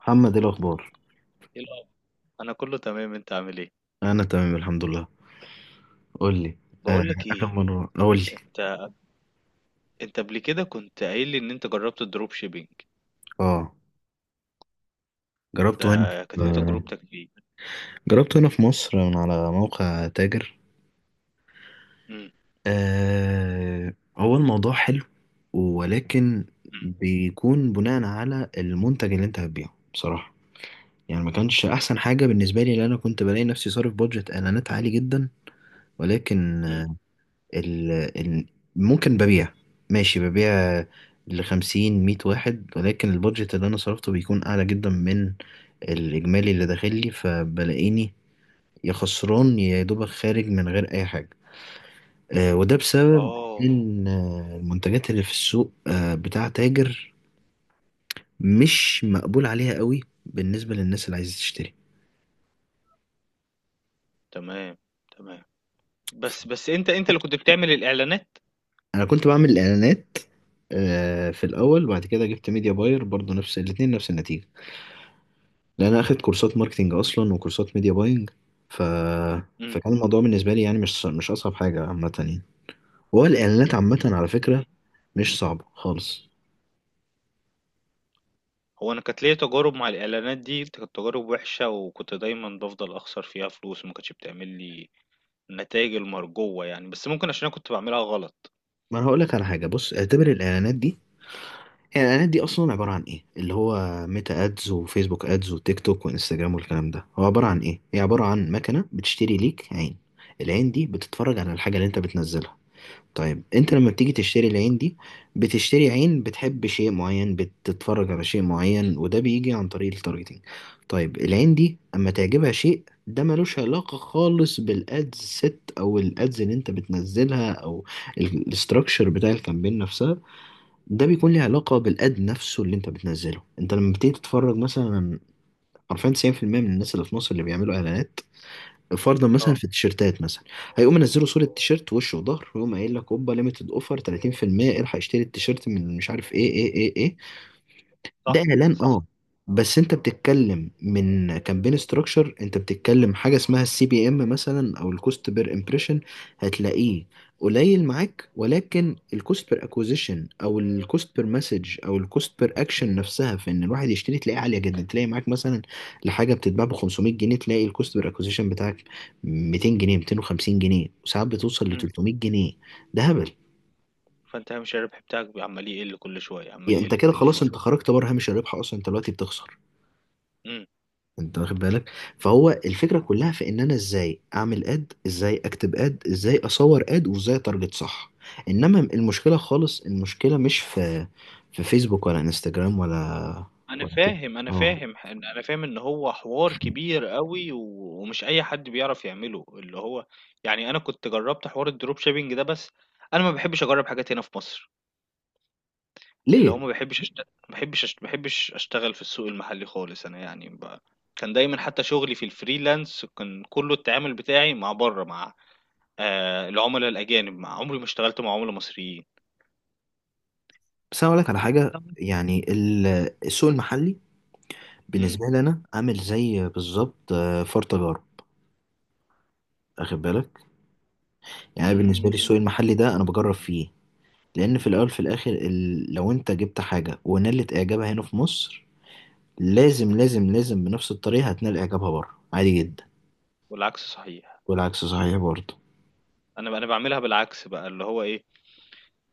محمد، ايه الاخبار؟ إيه الأخبار؟ انا كله تمام، انت عامل ايه؟ انا تمام الحمد لله. قول لي. آه، بقول لك اخر ايه؟ مره قول لي. انت انت قبل كده كنت قايل لي ان انت جربت الدروب شيبينج؟ اه، ده جربته هنا. كانت ايه آه، تجربتك فيه؟ جربته هنا في مصر من على موقع تاجر. امم. آه، هو الموضوع حلو، ولكن بيكون بناء على المنتج اللي انت هتبيعه، بصراحه يعني ما كانش احسن حاجه بالنسبه لي، لان انا كنت بلاقي نفسي صارف بادجت اعلانات عالي جدا. ولكن امم. ال... ال... ممكن ببيع، ماشي ببيع لخمسين مية واحد، ولكن البادجت اللي أنا صرفته بيكون أعلى جدا من الإجمالي اللي داخل لي، فبلاقيني يا خسران يا دوبك خارج من غير أي حاجة. وده بسبب اه، إن المنتجات اللي في السوق، بتاع تاجر مش مقبول عليها قوي بالنسبة للناس اللي عايزة تشتري. تمام، تمام. بس انت اللي كنت بتعمل الاعلانات؟ أنا كنت بعمل إعلانات في الأول، بعد كده جبت ميديا باير برضو نفس الاتنين نفس النتيجة، لان انا اخدت كورسات ماركتينج اصلا وكورسات ميديا باينج. ف امم. فكان الموضوع بالنسبه لي يعني مش اصعب حاجه عامه يعني. هو الاعلانات عامه على امم. فكره مش صعبه خالص. هو انا كانت ليا تجارب مع الاعلانات دي، كانت تجارب وحشه، وكنت دايما بفضل اخسر فيها فلوس، وما كانتش بتعمل لي النتائج المرجوه يعني. بس ممكن عشان انا كنت بعملها غلط. ما انا هقول لك على حاجه، بص، اعتبر الاعلانات دي، الاعلانات دي اصلا عباره عن ايه؟ اللي هو ميتا ادز وفيسبوك ادز وتيك توك وانستجرام والكلام ده، هو عباره عن ايه؟ هي عباره عن مكنه بتشتري ليك عين، العين دي بتتفرج على الحاجه اللي انت بتنزلها. طيب انت لما بتيجي تشتري العين دي، بتشتري عين بتحب شيء معين، بتتفرج على شيء معين، وده بيجي عن طريق التارجتينج. طيب العين دي اما تعجبها شيء، ده ملوش علاقة خالص بالادز سيت او الادز اللي انت بتنزلها او الاستراكشر بتاع الكامبين نفسها. ده بيكون ليه علاقة بالاد نفسه اللي انت بتنزله. انت لما بتيجي تتفرج مثلا، حرفيا 90% من الناس اللي في مصر اللي بيعملوا اعلانات، فرضا مثلا اه، في التيشيرتات مثلا، هيقوم منزله صورة تيشيرت وش وظهر، ويقوم قايل لك اوبا ليميتد اوفر 30%، الحق اشتري التيشيرت من مش عارف ايه ايه ايه ايه. ده صح، اعلان، صح. اه، بس انت بتتكلم من كامبين ستراكشر، انت بتتكلم حاجه اسمها السي بي ام مثلا، او الكوست بير امبريشن، هتلاقيه قليل معاك. ولكن الكوست بير اكوزيشن او الكوست بير مسج او الكوست بير اكشن نفسها في ان الواحد يشتري، تلاقيها عاليه جدا. تلاقي معاك مثلا لحاجه بتتباع ب 500 جنيه، تلاقي الكوست بير اكوزيشن بتاعك 200 جنيه، 250 جنيه، وساعات بتوصل ل 300 جنيه. ده هبل. فأنت هامش الربح بتاعك عمّال يقل كل شوية، عمّال يعني انت يقل كده كل خلاص، شوية. انت خرجت بره هامش الربح اصلا، انت دلوقتي بتخسر. إمم. انت واخد بالك؟ فهو الفكره كلها في ان انا ازاي اعمل اد، ازاي اكتب اد، ازاي اصور اد، وازاي اتارجت صح. انما المشكله خالص، المشكله مش في، في فيسبوك ولا انستجرام ولا أنا ولا تيك توك. فاهم، أنا اه. فاهم ح أنا فاهم إن هو حوار كبير أوي، ومش أي حد بيعرف يعمله، اللي هو يعني، أنا كنت جرّبت حوار الdrop shipping ده. بس أنا ما باحبّش أجرّب حاجات هنا في مصر، اللي هو ليه؟ ما باحبّش أشتغل في السوق المحلي خالص، أنا يعني كان دايمًا حتّى شغلي في الfreelance كان كُلّه التعامل بتاعي مع برّه، مع العُملا الأجانب، مع، عمري ما اشتغلت مع عُملا مصريين. بس انا اقول لك على حاجه، نعم. يعني السوق المحلي إمم. بالنسبه لي انا عامل زي بالظبط فار تجارة، واخد بالك؟ يعني بالنسبه لي إمم. السوق المحلي ده انا بجرب فيه، لان في الاول في الاخر لو انت جبت حاجه ونالت اعجابها هنا في مصر، لازم لازم لازم بنفس الطريقة هتنال إعجابها بره عادي جدا. والعكس صحيح. والعكس صحيح برضه. أنا باعملها بالعكس بقى، اللي هو إيه،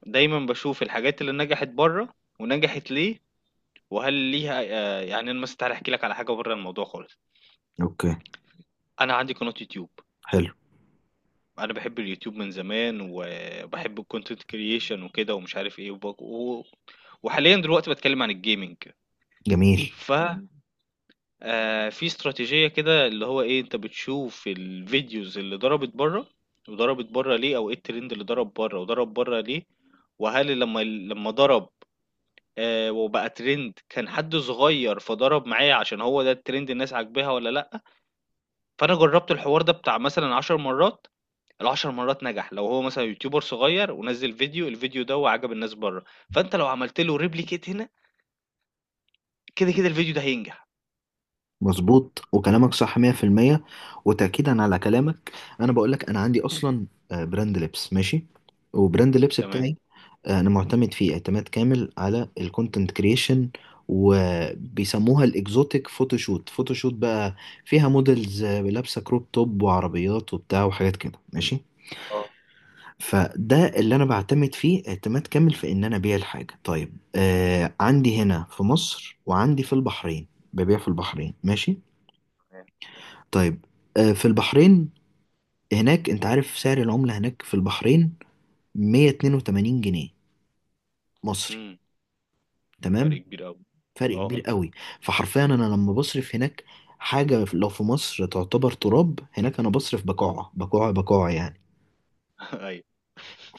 دايمًا باشوف الحاجات اللي نجحت برّه ونجحت ليه، وهل ليها يعني أنا مثلًا تعالَ أحكي لك على حاجة برّه الموضوع خالص. أوكي. أنا عندي قناة يوتيوب، حلو. أنا باحب اليوتيوب من زمان وباحب الcontent creation وكده ومش عارف إيه وباك، وحاليًا دلوقتي باتكلّم عن الgaming. جميل. ف في استراتيجية كده اللي هو ايه، انت بتشوف الفيديوز اللي ضربت بره وضربت بره ليه، او ايه الترند اللي ضرب بره وضرب بره ليه، وهل لما ضرب وبقى ترند، كان حد صغير فضرب معايا عشان هو ده الترند، الناس عاجباها ولا لا. فانا جربت الحوار ده بتاع مثلا 10 مرات، ال10 مرات نجح. لو هو مثلا يوتيوبر صغير ونزل فيديو، الفيديو ده وعجب الناس بره، فانت لو عملت له ريبليكيت هنا، كده كده الفيديو ده هينجح. مظبوط، وكلامك صح 100%. وتأكيدا على كلامك، أنا بقولك، أنا عندي أصلا براند لبس ماشي، وبراند اللبس تمام. بتاعي، أنا معتمد فيه اعتماد كامل على الكونتنت كريشن، وبيسموها الاكزوتيك فوتوشوت، فوتوشوت بقى فيها موديلز لابسة كروب توب وعربيات وبتاع وحاجات كده ماشي. اه، فده اللي انا بعتمد فيه اعتماد كامل في ان انا ابيع الحاجه. طيب آه، عندي هنا في مصر وعندي في البحرين، ببيع في البحرين ماشي. تمام. طيب آه، في البحرين هناك، انت عارف سعر العمله هناك في البحرين؟ 182 جنيه مصري. امم. فرق تمام. كبير قوي. فرق اه. كبير قوي. فحرفيا انا لما بصرف هناك حاجه لو في مصر تعتبر تراب، هناك انا بصرف بقاعه بقاعه بقاعه يعني. أيوه.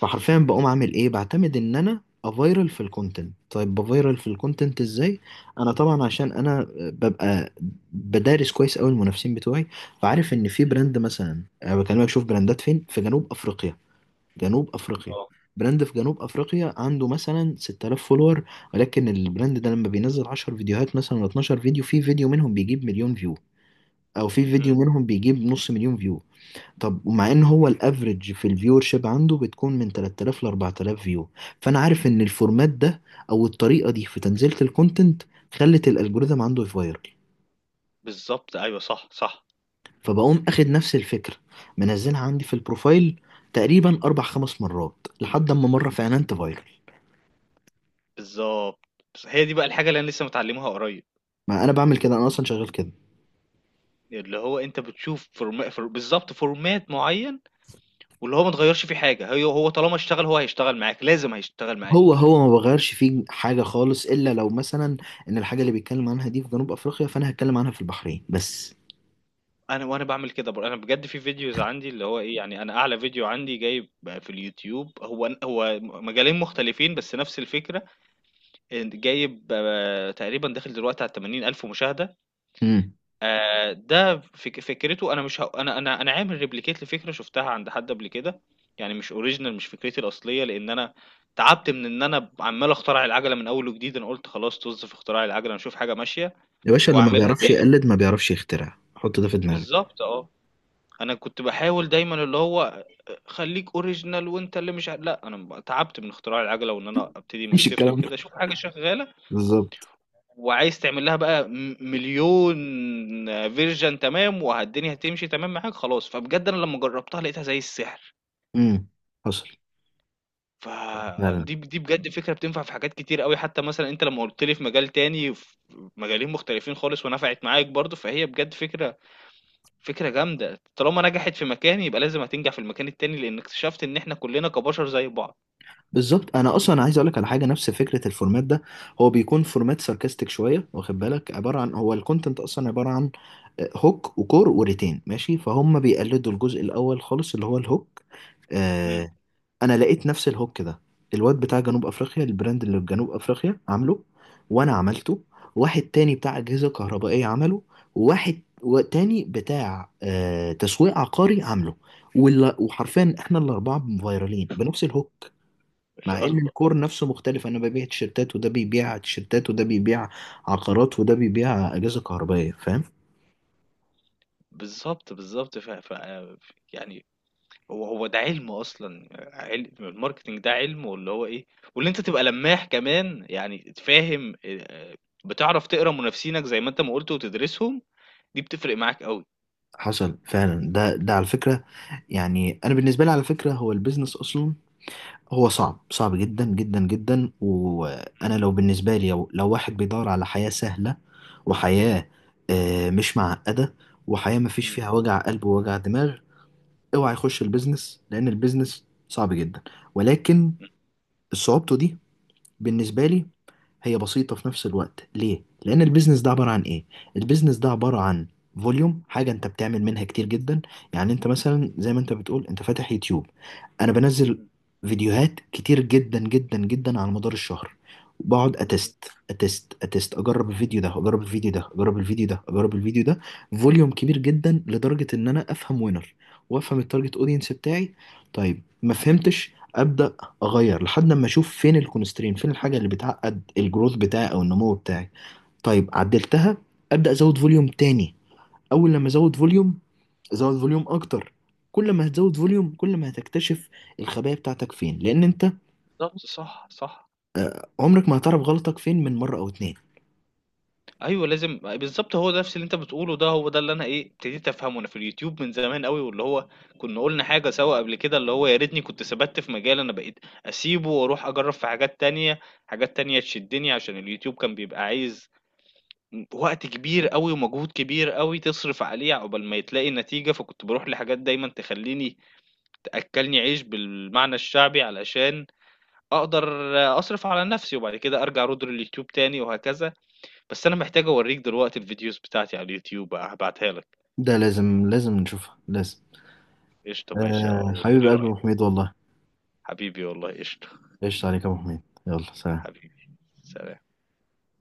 فحرفيا بقوم اعمل ايه، بعتمد ان انا افايرل في الكونتنت. طيب بفايرل في الكونتنت ازاي؟ انا طبعا عشان انا ببقى بدارس كويس قوي المنافسين بتوعي، فعارف ان في إمم. براند مثلا، أنا بكلمك شوف براندات فين، في جنوب افريقيا. جنوب افريقيا. آه. براند في جنوب افريقيا عنده مثلا 6،000 فولور، ولكن البراند ده لما بينزل 10 فيديوهات مثلا ولا 12 فيديو، في فيديو منهم بيجيب مليون فيو، او في فيديو إمم. منهم بيجيب نص مليون فيو. طب ومع ان هو الافريج في الفيور شيب عنده بتكون من 3،000 ل 4،000 فيو، فانا عارف ان الفورمات ده او الطريقه دي في تنزيله الكونتنت خلت الالجوريثم عنده يفايرل. بالضبط، أيوه صح، صح. فبقوم اخد نفس الفكره، منزلها عندي في البروفايل تقريبا اربع خمس مرات، لحد اما مره فعلا تفايرل. بالضبط. بس هي دي بقى الحاجة اللي أنا لسه متعلّمها قريب. ما انا بعمل كده، انا اصلا شغال كده. اللي هو أنت بتشوف فورما فور بالضبط فورمات معيّن، واللي هو ما تغيّرش فيه حاجة. هي هو طالما اشتغل، هو هيشتغل معاك، لازم هيشتغل هو معاك. هو ما بغيرش فيه حاجه خالص، الا لو مثلا ان الحاجه اللي بيتكلم عنها دي في جنوب افريقيا، فانا هتكلم عنها في البحرين بس. أنا وأنا باعمل كده بر أنا بجد في فيديوز عندي اللي هو إيه، يعني أنا أعلى فيديو عندي جايب في اليوتيوب هو ن هو م مجالين مختلفين بس نفس الفكرة، إن جايب تقريبًا داخل دلوقتي على ال80.000 مشاهدة. امم. ده فكرته. أنا مش ه أنا عامل replicate لفكرة شُفتها عند حد قبل كده، يعني مش original، مش فكرتي الأصلية، لإن أنا تعبت من إن أنا عمّال أخترع العَجَلة من أول وجديد. أنا قُلت خلاص، طُز في اختراع العَجَلة، أنا أشوف حاجة ماشية يا باشا، اللي ما وأعملها بيعرفش تاني. يقلد ما بيعرفش يخترع، حط ده في دماغك. بالضبط آه. أنا كنت باحاول دايمًا اللي هو خلّيك original، وأنت اللي مش ع لأ، أنا ب تعبت من اختراع العَجَلة وإن أنا أبتدي من مش الصفر الكلام ده وكده. شوف حاجة شغّالة بالظبط. وعايز تعمل لها بقى مليون فيرجن. تمام. والدنيا هتمشي تمام معاك خلاص. فبجد انا لما جربتها لقيتها زي السحر. امم. حصل. لا لا. فدي بجد فكرة بتنفع في حاجات كتير قوي، حتى مثلا انت لما قلت لي في مجال تاني، في مجالين مختلفين خالص ونفعت معاك برضو. فهي بجد فكرة جامدة. طالما نجحت في مكان، يبقى لازم هتنجح في المكان التاني، لان اكتشفت ان احنا كلنا كبشر زي بعض. بالظبط. انا اصلا عايز اقول لك على حاجه، نفس فكره الفورمات ده هو بيكون فورمات ساركاستيك شويه، واخد بالك؟ عباره عن، هو الكونتنت اصلا عباره عن هوك وكور وريتين ماشي، فهم بيقلدوا الجزء الاول خالص اللي هو الهوك. امم. انا لقيت نفس الهوك ده الواد بتاع جنوب افريقيا، البراند اللي في جنوب افريقيا، عامله، وانا عملته، واحد تاني بتاع اجهزه كهربائيه عمله، وواحد تاني بتاع آه تسويق عقاري عامله. وحرفيا احنا الاربعه فايرالين بنفس الهوك، ان مع شاء ان الله. الكور نفسه مختلف. انا ببيع تيشيرتات، وده بيبيع تيشيرتات، وده بيبيع عقارات، وده بيبيع اجهزه كهربائيه، فاهم؟ بالظبط، بالظبط. يعني هو هو ده علم اصلا، علم الماركتنج ده علم، واللي هو ايه، واللي انت تبقى لماح كمان يعني تفهم بتعرف تقرا منافسينك زي ما انت ما قلت وتدرسهم. دي بتفرق معاك قوي. حصل فعلا. ده على فكره، يعني انا بالنسبه لي على فكره هو البيزنس اصلا، هو صعب صعب جدا جدا جدا. وانا لو بالنسبه لي، لو, واحد بيدور على حياه سهله، وحياه مش معقده، وحياه ما فيش م- فيها وجع قلب ووجع دماغ، اوعى يخش البيزنس، لان البيزنس صعب جدا. ولكن م- صعوبته دي بالنسبه لي هي بسيطة في نفس الوقت. ليه؟ لأن البيزنس ده عبارة عن إيه؟ البيزنس ده عبارة عن فوليوم، حاجة أنت بتعمل منها كتير جدا. يعني أنت مثلا زي ما أنت بتقول، أنت فاتح يوتيوب، أنا بنزل م- فيديوهات كتير جدا جدا جدا على مدار الشهر، وبقعد م. أتست أتست أتست، أجرب الفيديو ده، أجرب الفيديو ده، أجرب الفيديو ده، أجرب الفيديو ده. فوليوم كبير جدا لدرجة إن أنا أفهم وينر، وأفهم التارجت أودينس بتاعي. طيب ما فهمتش، أبدأ اغير لحد ما اشوف فين الكونسترين، فين الحاجه اللي بتعقد الجروث بتاعي او النمو بتاعي. طيب عدلتها، ابدا ازود فوليوم تاني. اول لما ازود فوليوم، ازود فوليوم اكتر. كل ما هتزود فوليوم، كل ما هتكتشف الخبايا بتاعتك فين، لان انت بالظبط، صح، صح. عمرك ما هتعرف غلطك فين من مره او اتنين. ايوه، لازم. بالظبط هو ده نفس اللي انت بتقوله، ده هو ده اللي انا ايه ابتديت افهمه، انا في اليوتيوب من زمان قوي. واللي هو كنا قلنا حاجه سوا قبل كده، اللي هو يا ريتني كنت ثبت في مجال. انا بقيت اسيبه واروح اجرب في حاجات تانية، حاجات تانية تشدني، عشان اليوتيوب كان بيبقى عايز وقت كبير أوي ومجهود كبير أوي تصرف عليه عقبال ما تلاقي نتيجة، فكنت باروح لحاجات دايمًا تخلّيني تأكّلني عيش بالمعنى الشعبي علشان أقدر أصرف على نَفْسي، وبعد كده أرجع أرُوض لليوتيوب تاني وهكذا. بس أنا محتاج أورّيك دلوقتي الفيديوز بتاعتي على اليوتيوب، هابعتها لك. ده لازم لازم نشوفها لازم. قشطة، ماشي، آه وتقول حبيب لي قلبي يا ابو رأيك. حميد والله. حبيبي والله، قشطة. ايش عليك يا ابو حميد. يلا سلام. حبيبي. سلام.